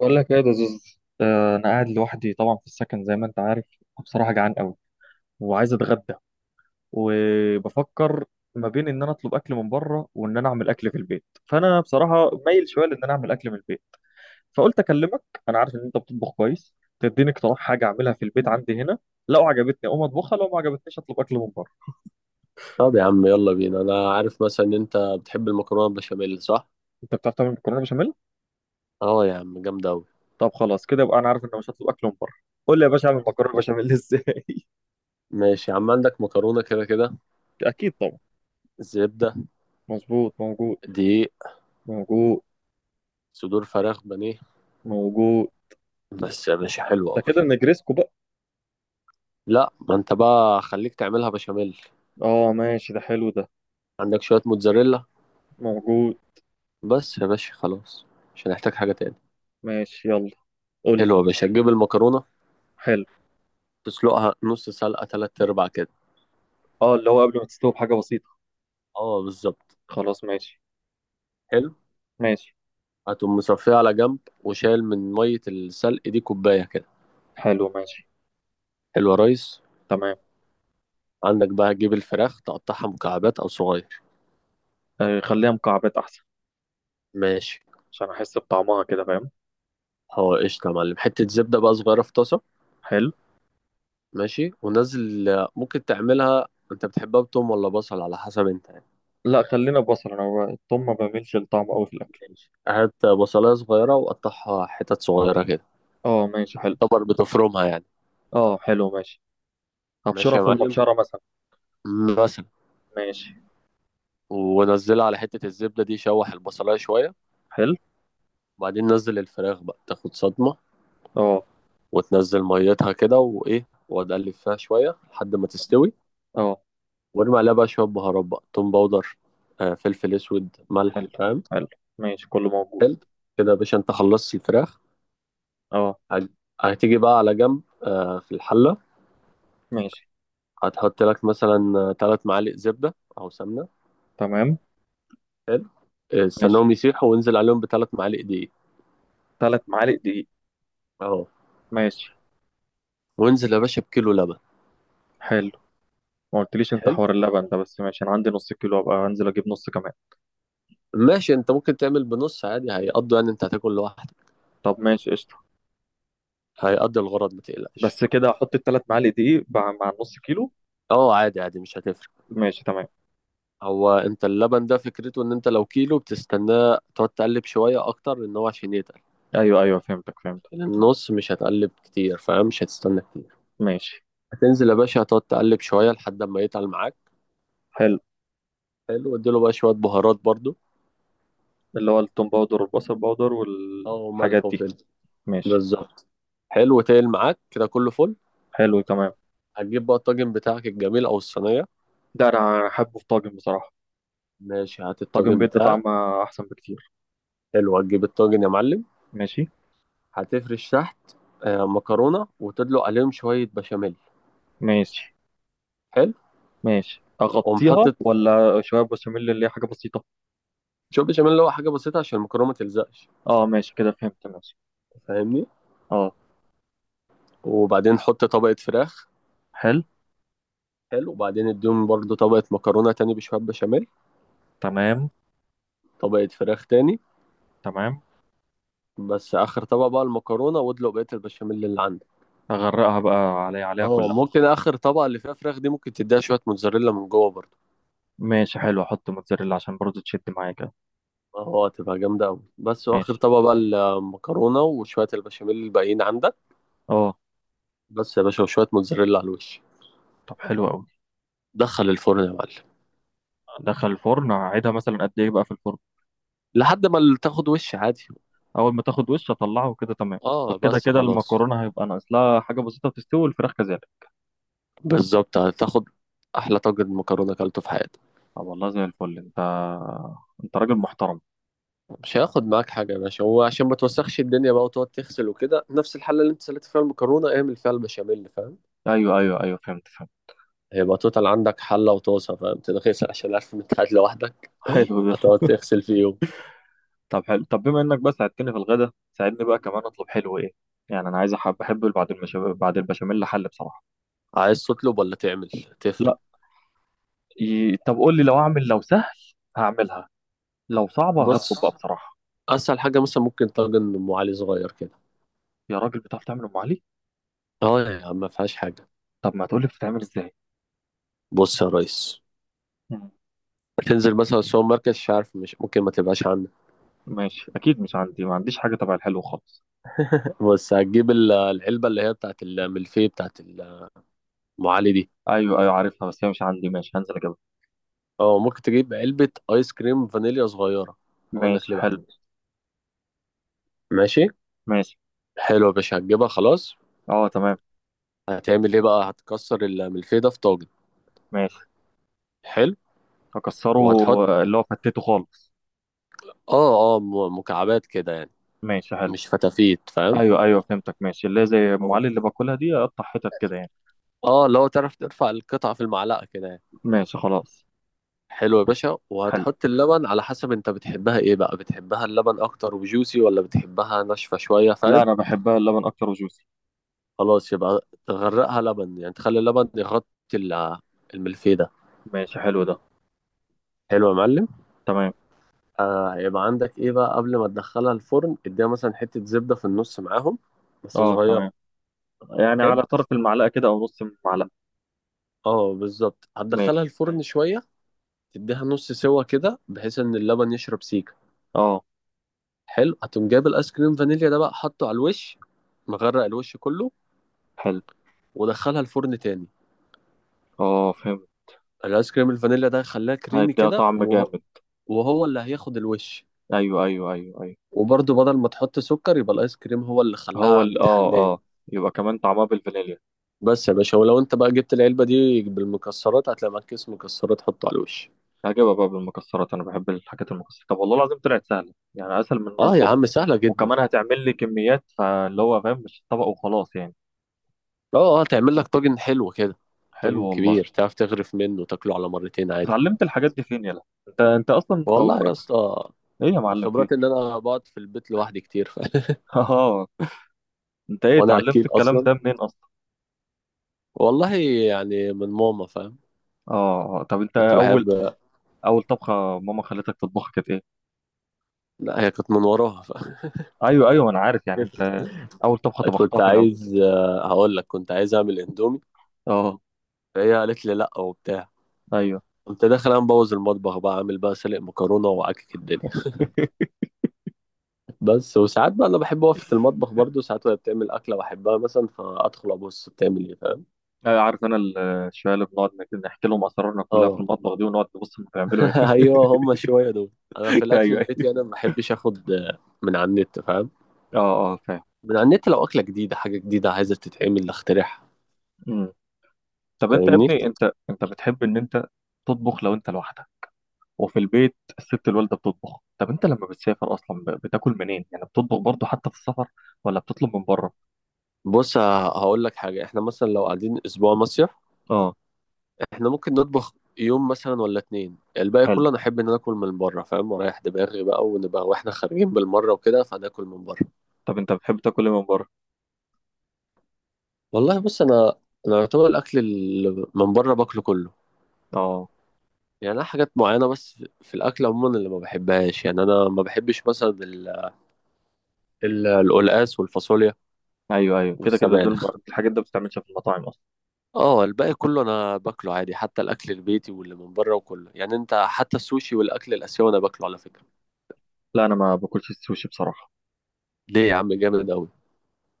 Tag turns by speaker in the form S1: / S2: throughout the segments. S1: بقول لك ايه يا زوز، انا قاعد لوحدي طبعا في السكن زي ما انت عارف. بصراحه جعان قوي وعايز اتغدى، وبفكر ما بين ان انا اطلب اكل من بره وان انا اعمل اكل في البيت، فانا بصراحه مايل شويه لان انا اعمل اكل من البيت. فقلت اكلمك. انا عارف ان انت بتطبخ كويس، تديني اقتراح حاجه اعملها في البيت عندي هنا، لو عجبتني اقوم اطبخها لو ما عجبتنيش اطلب اكل من بره.
S2: طب يا عم، يلا بينا. انا عارف مثلا ان انت بتحب المكرونه البشاميل، صح؟
S1: انت بتعرف تعمل مكرونه بشاميل؟
S2: اه يا عم، جامده اوي.
S1: طب خلاص كده يبقى انا عارف ان أنا مش هطلب اكل من بره. قول لي يا باشا اعمل مكرونه بشاميل ازاي؟
S2: ماشي يا عم. عندك مكرونه كده كده؟
S1: اكيد طبعا.
S2: زبده؟
S1: مظبوط، موجود.
S2: دقيق؟
S1: موجود.
S2: صدور فراخ بانيه؟
S1: موجود.
S2: بس يا باشا، حلوه
S1: ده
S2: اوي.
S1: كده نجريسكو بقى.
S2: لا، ما انت بقى خليك تعملها بشاميل.
S1: اه، ماشي، ده حلو ده.
S2: عندك شويه موتزاريلا؟
S1: موجود.
S2: بس يا باشا خلاص. مش هنحتاج حاجه تاني.
S1: ماشي يلا. قول لي.
S2: حلوه يا باشا، تجيب المكرونه.
S1: حلو.
S2: تسلقها نص سلقه، تلات ارباع كده.
S1: اه، اللي هو قبل ما تستوي بحاجة بسيطة.
S2: اه، بالظبط.
S1: خلاص ماشي.
S2: حلو.
S1: ماشي.
S2: هتقوم مصفيه على جنب وشايل من ميه السلق دي كوبايه كده.
S1: حلو ماشي.
S2: حلو يا ريس.
S1: تمام.
S2: عندك بقى تجيب الفراخ، تقطعها مكعبات او صغير.
S1: آه، خليها مكعبات أحسن.
S2: ماشي.
S1: عشان أحس بطعمها كده، فاهم؟
S2: هو قشطة يا معلم. حتة زبدة بقى صغيرة في طاسة.
S1: حلو.
S2: ماشي ونزل. ممكن تعملها، انت بتحبها بتوم ولا بصل؟ على حسب انت يعني.
S1: لا خلينا بصل، أنا التوم ما بعملش الطعم أوي في الأكل.
S2: ماشي. هات بصلاية صغيرة وقطعها حتت صغيرة كده.
S1: اه ماشي حلو.
S2: طبعا بتفرمها يعني.
S1: اه حلو ماشي.
S2: ماشي
S1: أبشرها
S2: يا
S1: في
S2: معلم.
S1: المبشرة مثلا.
S2: مثلا.
S1: ماشي.
S2: ونزلها على حتة الزبدة دي، شوح البصلاية شوية.
S1: حلو.
S2: وبعدين نزل الفراخ بقى تاخد صدمة.
S1: اه.
S2: وتنزل ميتها كده، وإيه، وتقلب فيها شوية لحد ما تستوي.
S1: اه.
S2: وارمي عليها بقى شوية بهارات، بقى توم باودر، فلفل اسود، ملح،
S1: حلو.
S2: فاهم؟
S1: حلو. ماشي، كله موجود.
S2: حلو. كده يا باشا، انت خلصت الفراخ.
S1: اه.
S2: هت- هتيجي بقى على جنب، في الحلة.
S1: ماشي.
S2: هتحط لك مثلا ثلاث معالق زبدة أو سمنة.
S1: تمام.
S2: حلو.
S1: ماشي.
S2: استناهم يسيحوا وانزل عليهم بثلاث معالق دقيق.
S1: 3 معالق دقيق.
S2: اهو.
S1: ماشي.
S2: وانزل يا باشا بكيلو لبن.
S1: حلو. ما قلتليش انت
S2: حلو.
S1: حوار اللبن ده، بس ماشي، انا عندي نص كيلو، ابقى انزل اجيب نص كمان.
S2: ماشي. انت ممكن تعمل بنص عادي، هيقضوا، يعني انت هتاكل لوحدك.
S1: طب ماشي قشطه.
S2: هيقضي الغرض، ما تقلقش.
S1: بس كده احط ال3 معالق دقيق مع النص كيلو؟
S2: اه، عادي عادي، مش هتفرق.
S1: ماشي تمام.
S2: هو انت اللبن ده، فكرته ان انت لو كيلو بتستناه تقعد تقلب شوية اكتر، ان هو عشان يتقل.
S1: ايوه ايوه، فهمتك فهمتك.
S2: لكن النص مش هتقلب كتير، فاهم؟ مش هتستنى كتير.
S1: ماشي.
S2: هتنزل يا باشا، هتقعد تقلب شوية لحد ما يتقل معاك.
S1: حلو،
S2: حلو. واديله بقى شوية بهارات برضو.
S1: اللي هو التوم باودر والبصل باودر
S2: اه، ملح
S1: والحاجات دي.
S2: وفلفل.
S1: ماشي.
S2: بالظبط. حلو، تقل معاك كده، كله فل.
S1: حلو تمام.
S2: هتجيب بقى الطاجن بتاعك الجميل او الصينية.
S1: ده انا احبه في طاجن بصراحه.
S2: ماشي، هات
S1: طاجن
S2: الطاجن
S1: بيدي
S2: بتاعك.
S1: طعم، احسن بكتير.
S2: حلو. هتجيب الطاجن يا معلم.
S1: ماشي.
S2: هتفرش تحت، مكرونة وتدلق عليهم شوية بشاميل.
S1: ماشي.
S2: حلو.
S1: ماشي،
S2: ومحط.
S1: اغطيها ولا شويه بشاميل اللي هي حاجه بسيطه؟
S2: شوف، بشاميل اللي هو حاجة بسيطة عشان المكرونة ما تلزقش.
S1: اه ماشي، كده فهمت، ماشي.
S2: فاهمني؟
S1: اه.
S2: وبعدين حط طبقة فراخ.
S1: حلو.
S2: حلو. وبعدين اديهم برضو طبقة مكرونة تاني بشوية بشاميل.
S1: تمام.
S2: طبقة فراخ تاني.
S1: تمام.
S2: بس آخر طبقة بقى المكرونة، وادلق بقية البشاميل اللي عندك.
S1: اغرقها بقى، علي عليها
S2: اه،
S1: كلها.
S2: ممكن آخر طبقة اللي فيها فراخ دي، ممكن تديها شوية موتزاريلا من جوه برضو.
S1: ماشي حلو، احط موتزاريلا عشان برضه تشد معايا كده.
S2: اه، تبقى جامدة أوي. بس وآخر
S1: ماشي.
S2: طبقة بقى المكرونة وشوية البشاميل الباقيين عندك.
S1: اه.
S2: بس يا باشا، وشوية موتزاريلا على الوش.
S1: طب حلو قوي.
S2: دخل الفرن يا معلم.
S1: دخل الفرن، اقعدها مثلا قد ايه بقى في الفرن؟
S2: لحد ما تاخد وش عادي.
S1: اول ما تاخد وش اطلعه وكده تمام.
S2: اه،
S1: وكده
S2: بس
S1: كده
S2: خلاص.
S1: المكرونه هيبقى ناقص لها حاجه بسيطه تستوي، والفراخ كذلك.
S2: بالظبط، هتاخد احلى طاجن مكرونه اكلته في حياتك.
S1: طب والله زي الفل انت. انت راجل محترم.
S2: مش هياخد معاك حاجه يا باشا. هو عشان ما توسخش الدنيا بقى وتقعد تغسل وكده، نفس الحله اللي انت سلقت فيها المكرونه اعمل فيها البشاميل، فاهم؟
S1: ايوه ايوه ايوه، فهمت فهمت.
S2: هيبقى توتال عندك حله وطاسه، فاهم، تتغسل، عشان عارف ان انت قاعد لوحدك.
S1: حلو ده.
S2: هتقعد تغسل فيهم.
S1: طب حلو، طب بما انك بقى ساعدتني في الغدا، ساعدني بقى كمان اطلب حلو ايه. يعني انا عايز بحب بعد البشاميل حل بصراحه.
S2: عايز تطلب ولا تعمل؟ تفرق؟
S1: لا. طب قول لي، لو اعمل لو سهل هعملها، لو صعبه هطلب بقى
S2: بص.
S1: بصراحه.
S2: اسهل حاجه مثلا، ممكن طاجن ام علي صغير كده.
S1: يا راجل بتعرف تعمل ام علي؟
S2: اه يا عم، ما فيهاش حاجه.
S1: طب ما تقول لي بتتعمل ازاي.
S2: بص يا ريس.
S1: مم.
S2: هتنزل مثلا السوبر ماركت، مش عارف، مش ممكن ما تبقاش عندك.
S1: ماشي اكيد، مش عندي، ما عنديش حاجه تبع الحلو خالص.
S2: بص، هتجيب العلبه اللي هي بتاعت الملفيه بتاعت ام علي دي.
S1: ايوه ايوه عارفها، بس هي مش عندي، ماشي هنزل اجيبها.
S2: اه، ممكن تجيب علبة ايس كريم فانيليا صغيرة. هقول لك
S1: ماشي
S2: ليه
S1: حلو.
S2: بعدين. ماشي.
S1: ماشي.
S2: حلو يا باشا، هتجيبها خلاص.
S1: اه تمام.
S2: هتعمل ايه بقى؟ هتكسر الملفيه ده في طاجن.
S1: ماشي.
S2: حلو.
S1: اكسره.
S2: وهتحط
S1: اللي هو فتته خالص.
S2: اه، اه، مكعبات كده يعني.
S1: ماشي حلو.
S2: مش فتافيت، فاهم؟
S1: ايوه ايوه فهمتك، ماشي، اللي هي زي ام
S2: هو
S1: علي اللي باكلها دي، اقطع حتت كده يعني.
S2: اه، لو تعرف ترفع القطعة في المعلقة كده يعني.
S1: ماشي خلاص.
S2: حلو يا باشا.
S1: حلو.
S2: وهتحط اللبن على حسب، انت بتحبها ايه بقى؟ بتحبها اللبن اكتر وجوسي، ولا بتحبها ناشفة شوية،
S1: لا،
S2: فاهم؟
S1: انا بحبها اللبن اكتر وجوسي.
S2: خلاص يبقى تغرقها لبن، يعني تخلي اللبن يغطي ال- الملفيه ده.
S1: ماشي حلو ده.
S2: حلو يا معلم.
S1: تمام.
S2: هيبقى عندك ايه بقى قبل ما تدخلها الفرن؟ اديها مثلا حتة زبدة في النص معاهم، بس
S1: اه
S2: صغيرة.
S1: تمام. يعني على
S2: حلو.
S1: طرف المعلقة كده أو نص المعلقة.
S2: اه، بالظبط. هتدخلها
S1: ماشي.
S2: الفرن شوية. تديها نص سوا كده بحيث ان اللبن يشرب سيكة.
S1: اه.
S2: حلو. هتقوم جايب الايس كريم فانيليا ده بقى حاطه على الوش، مغرق الوش كله.
S1: حلو.
S2: ودخلها الفرن تاني.
S1: اه فهمت.
S2: الايس كريم الفانيليا ده خلاه كريمي
S1: هيديها
S2: كده،
S1: طعم
S2: وهو
S1: جامد.
S2: وهو اللي هياخد الوش.
S1: أيوه أيوه أيوه أيوه.
S2: وبرضه بدل ما تحط سكر، يبقى الايس كريم هو اللي
S1: هو
S2: خلاها
S1: ال اه اه
S2: متحلاية.
S1: يبقى كمان طعمها بالفانيليا.
S2: بس يا باشا، ولو انت بقى جبت العلبة دي بالمكسرات، هتلاقي معاك كيس مكسرات، حطه على الوش.
S1: هجيبها بقى بالمكسرات، أنا بحب الحاجات المكسرة. طب والله العظيم طلعت سهلة، يعني أسهل من إن أنا
S2: اه يا
S1: أطلبها.
S2: عم، سهلة جدا.
S1: وكمان هتعمل لي كميات، فاللي هو فاهم، مش طبق وخلاص يعني.
S2: اه، اه، تعمل لك طاجن حلو كده.
S1: حلو
S2: طاجن
S1: والله.
S2: كبير، تعرف تغرف منه وتاكله على مرتين عادي.
S1: اتعلمت الحاجات دي فين يلا؟ انت اصلا طب.
S2: والله يا اسطى،
S1: ايه يا معلم
S2: بخبرات ان
S1: فيه؟
S2: انا بقعد في البيت لوحدي كتير،
S1: اه. انت ايه
S2: وانا
S1: اتعلمت
S2: اكيل
S1: الكلام
S2: اصلا.
S1: ده منين اصلا؟
S2: والله. يعني من ماما، فاهم.
S1: اه، آه. طب انت
S2: كنت
S1: اول.
S2: بحب.
S1: اول طبخه ماما خلتك تطبخها كانت ايه؟
S2: لا، هي كانت من وراها
S1: ايوه ايوه انا عارف، يعني انت. اول طبخه طبختها
S2: كنت
S1: في العموم.
S2: عايز آه، هقول لك كنت عايز اعمل اندومي.
S1: اه.
S2: فهي قالت لي لا وبتاع.
S1: ايوه.
S2: قمت داخل انا مبوظ المطبخ بقى، عامل بقى سلق مكرونه وعكك الدنيا. بس وساعات بقى، انا بحب اقف في المطبخ برضو ساعات وهي بتعمل اكله بحبها مثلا، فادخل ابص بتعمل ايه، فاهم؟
S1: أيوة، عارف انا الشوية اللي بنقعد نحكي لهم اسرارنا كلها في
S2: اه.
S1: المطبخ دي، ونقعد نبص هم بيعملوا ايه.
S2: ايوه، هم شويه دول. انا في الاكل
S1: ايوه ايوه.
S2: البيتي، انا ما بحبش اخد من على النت، فاهم.
S1: اه اه فاهم.
S2: من على النت، لو اكله جديده، حاجه جديده عايزه تتعمل، اخترعها.
S1: مم. طب انت يا
S2: فاهمني.
S1: ابني، انت بتحب ان انت تطبخ لو انت لوحدك وفي البيت الست الوالده بتطبخ؟ طب انت لما بتسافر اصلا بتاكل منين، يعني بتطبخ برضو حتى في السفر ولا بتطلب من بره؟
S2: بص، هقول لك حاجه. احنا مثلا لو قاعدين اسبوع مصيف،
S1: اه.
S2: احنا ممكن نطبخ يوم مثلا ولا اتنين، الباقي
S1: حلو.
S2: كله انا احب ان انا اكل من بره، فاهم، ورايح دماغي بقى، ونبقى واحنا خارجين بالمره وكده، فناكل من بره.
S1: طب انت بتحب تاكل ايه من بره؟
S2: والله، بص، انا يعتبر الاكل اللي من بره باكله كله.
S1: اه.
S2: يعني انا حاجات معينه بس، في الاكل عموما اللي ما بحبهاش، يعني انا ما بحبش مثلا القلقاس والفاصوليا
S1: ايوه ايوه كده كده دول.
S2: والسبانخ.
S1: الحاجات ده ما بتتعملش في المطاعم اصلا.
S2: اه، الباقي كله انا باكله عادي، حتى الاكل البيتي واللي من بره وكله، يعني انت حتى السوشي والاكل الاسيوي انا باكله على فكره.
S1: لا انا ما باكلش السوشي بصراحه.
S2: ليه يا عم؟ جامد قوي.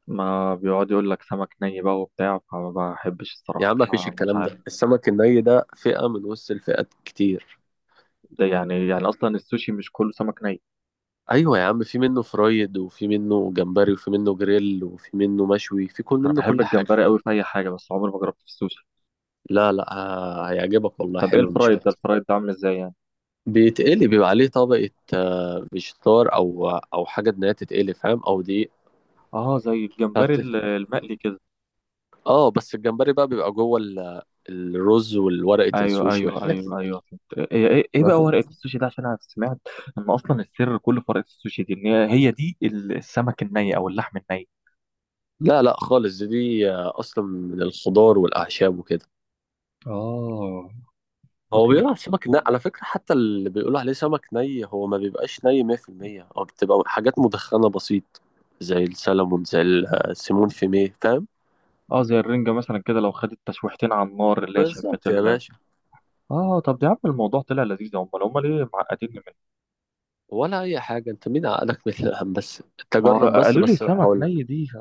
S1: ما بيقعد يقول لك سمك ني بقى وبتاع، فما بحبش
S2: يا
S1: الصراحه،
S2: عم مفيش
S1: ما مش
S2: الكلام
S1: عارف.
S2: ده، السمك الني ده فئه من وسط الفئات كتير.
S1: ده يعني اصلا السوشي مش كله سمك ني.
S2: ايوه يا عم، في منه فرايد، وفي منه جمبري، وفي منه جريل، وفي منه مشوي، في كل
S1: انا
S2: منه،
S1: بحب
S2: كل حاجه.
S1: الجمبري قوي في اي حاجه، بس عمري ما جربت في السوشي.
S2: لا لا، هيعجبك والله،
S1: طب ايه
S2: حلو مش
S1: الفرايد ده،
S2: وحش.
S1: الفرايد ده عامل ازاي يعني؟
S2: بيتقلي، بيبقى عليه طبقة فيجيتار، أو حاجة إنها تتقلي، فاهم، أو دي.
S1: اه زي الجمبري
S2: فبت-
S1: المقلي كده.
S2: اه، بس الجمبري بقى بيبقى جوه الرز والورقة
S1: ايوه
S2: السوشي
S1: ايوه
S2: والحاجات
S1: ايوه
S2: دي.
S1: ايوه فهمت. ايه ايه إيه بقى
S2: مثلا.
S1: ورقه السوشي ده؟ عشان انا سمعت ان اصلا السر كله في ورقه السوشي دي، ان هي دي السمك الني او اللحم الني.
S2: لا لا خالص، دي أصلا من الخضار والأعشاب وكده.
S1: اه
S2: هو
S1: اصلا.
S2: بيقولوا على السمك ني، على فكرة، حتى اللي بيقولوا عليه سمك ني هو ما بيبقاش ني 100%، هو بتبقى حاجات مدخنة بسيط. زي السلمون، زي السيمون فيميه، فاهم.
S1: اه زي الرنجة مثلا، كده لو خدت تشويحتين على النار، اللي هي شمت
S2: بالظبط يا
S1: ال.
S2: باشا.
S1: اه طب يا عم الموضوع طلع لذيذ، هم ليه معقدين منه؟
S2: ولا اي حاجه انت، مين عقلك مثل الهم؟ بس انت
S1: ما هو
S2: جرب، بس
S1: قالوا لي
S2: بس
S1: سمك
S2: هقول لك.
S1: ني دي.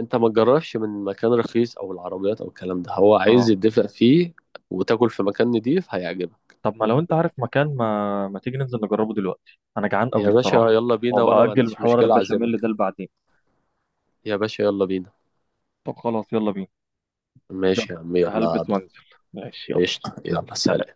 S2: انت ما تجربش من مكان رخيص او العربيات او الكلام ده، هو
S1: اه
S2: عايز يدفق فيه. وتاكل في مكان نضيف، هيعجبك.
S1: طب ما لو انت عارف مكان، ما ما تيجي ننزل نجربه دلوقتي، انا جعان
S2: يا
S1: قوي
S2: باشا
S1: بصراحة.
S2: يلا بينا، وانا
S1: وابقى
S2: ما
S1: اجل
S2: عنديش
S1: حوار
S2: مشكله اعزمك
S1: البشاميل ده
S2: كمان.
S1: لبعدين.
S2: يا باشا يلا بينا.
S1: طب خلاص يلا بينا. يلا.
S2: ماشي يا عم، يلا
S1: هلبس
S2: قبل.
S1: وانزل. ماشي يلا.
S2: قشطه، يلا
S1: سلام.
S2: سلام.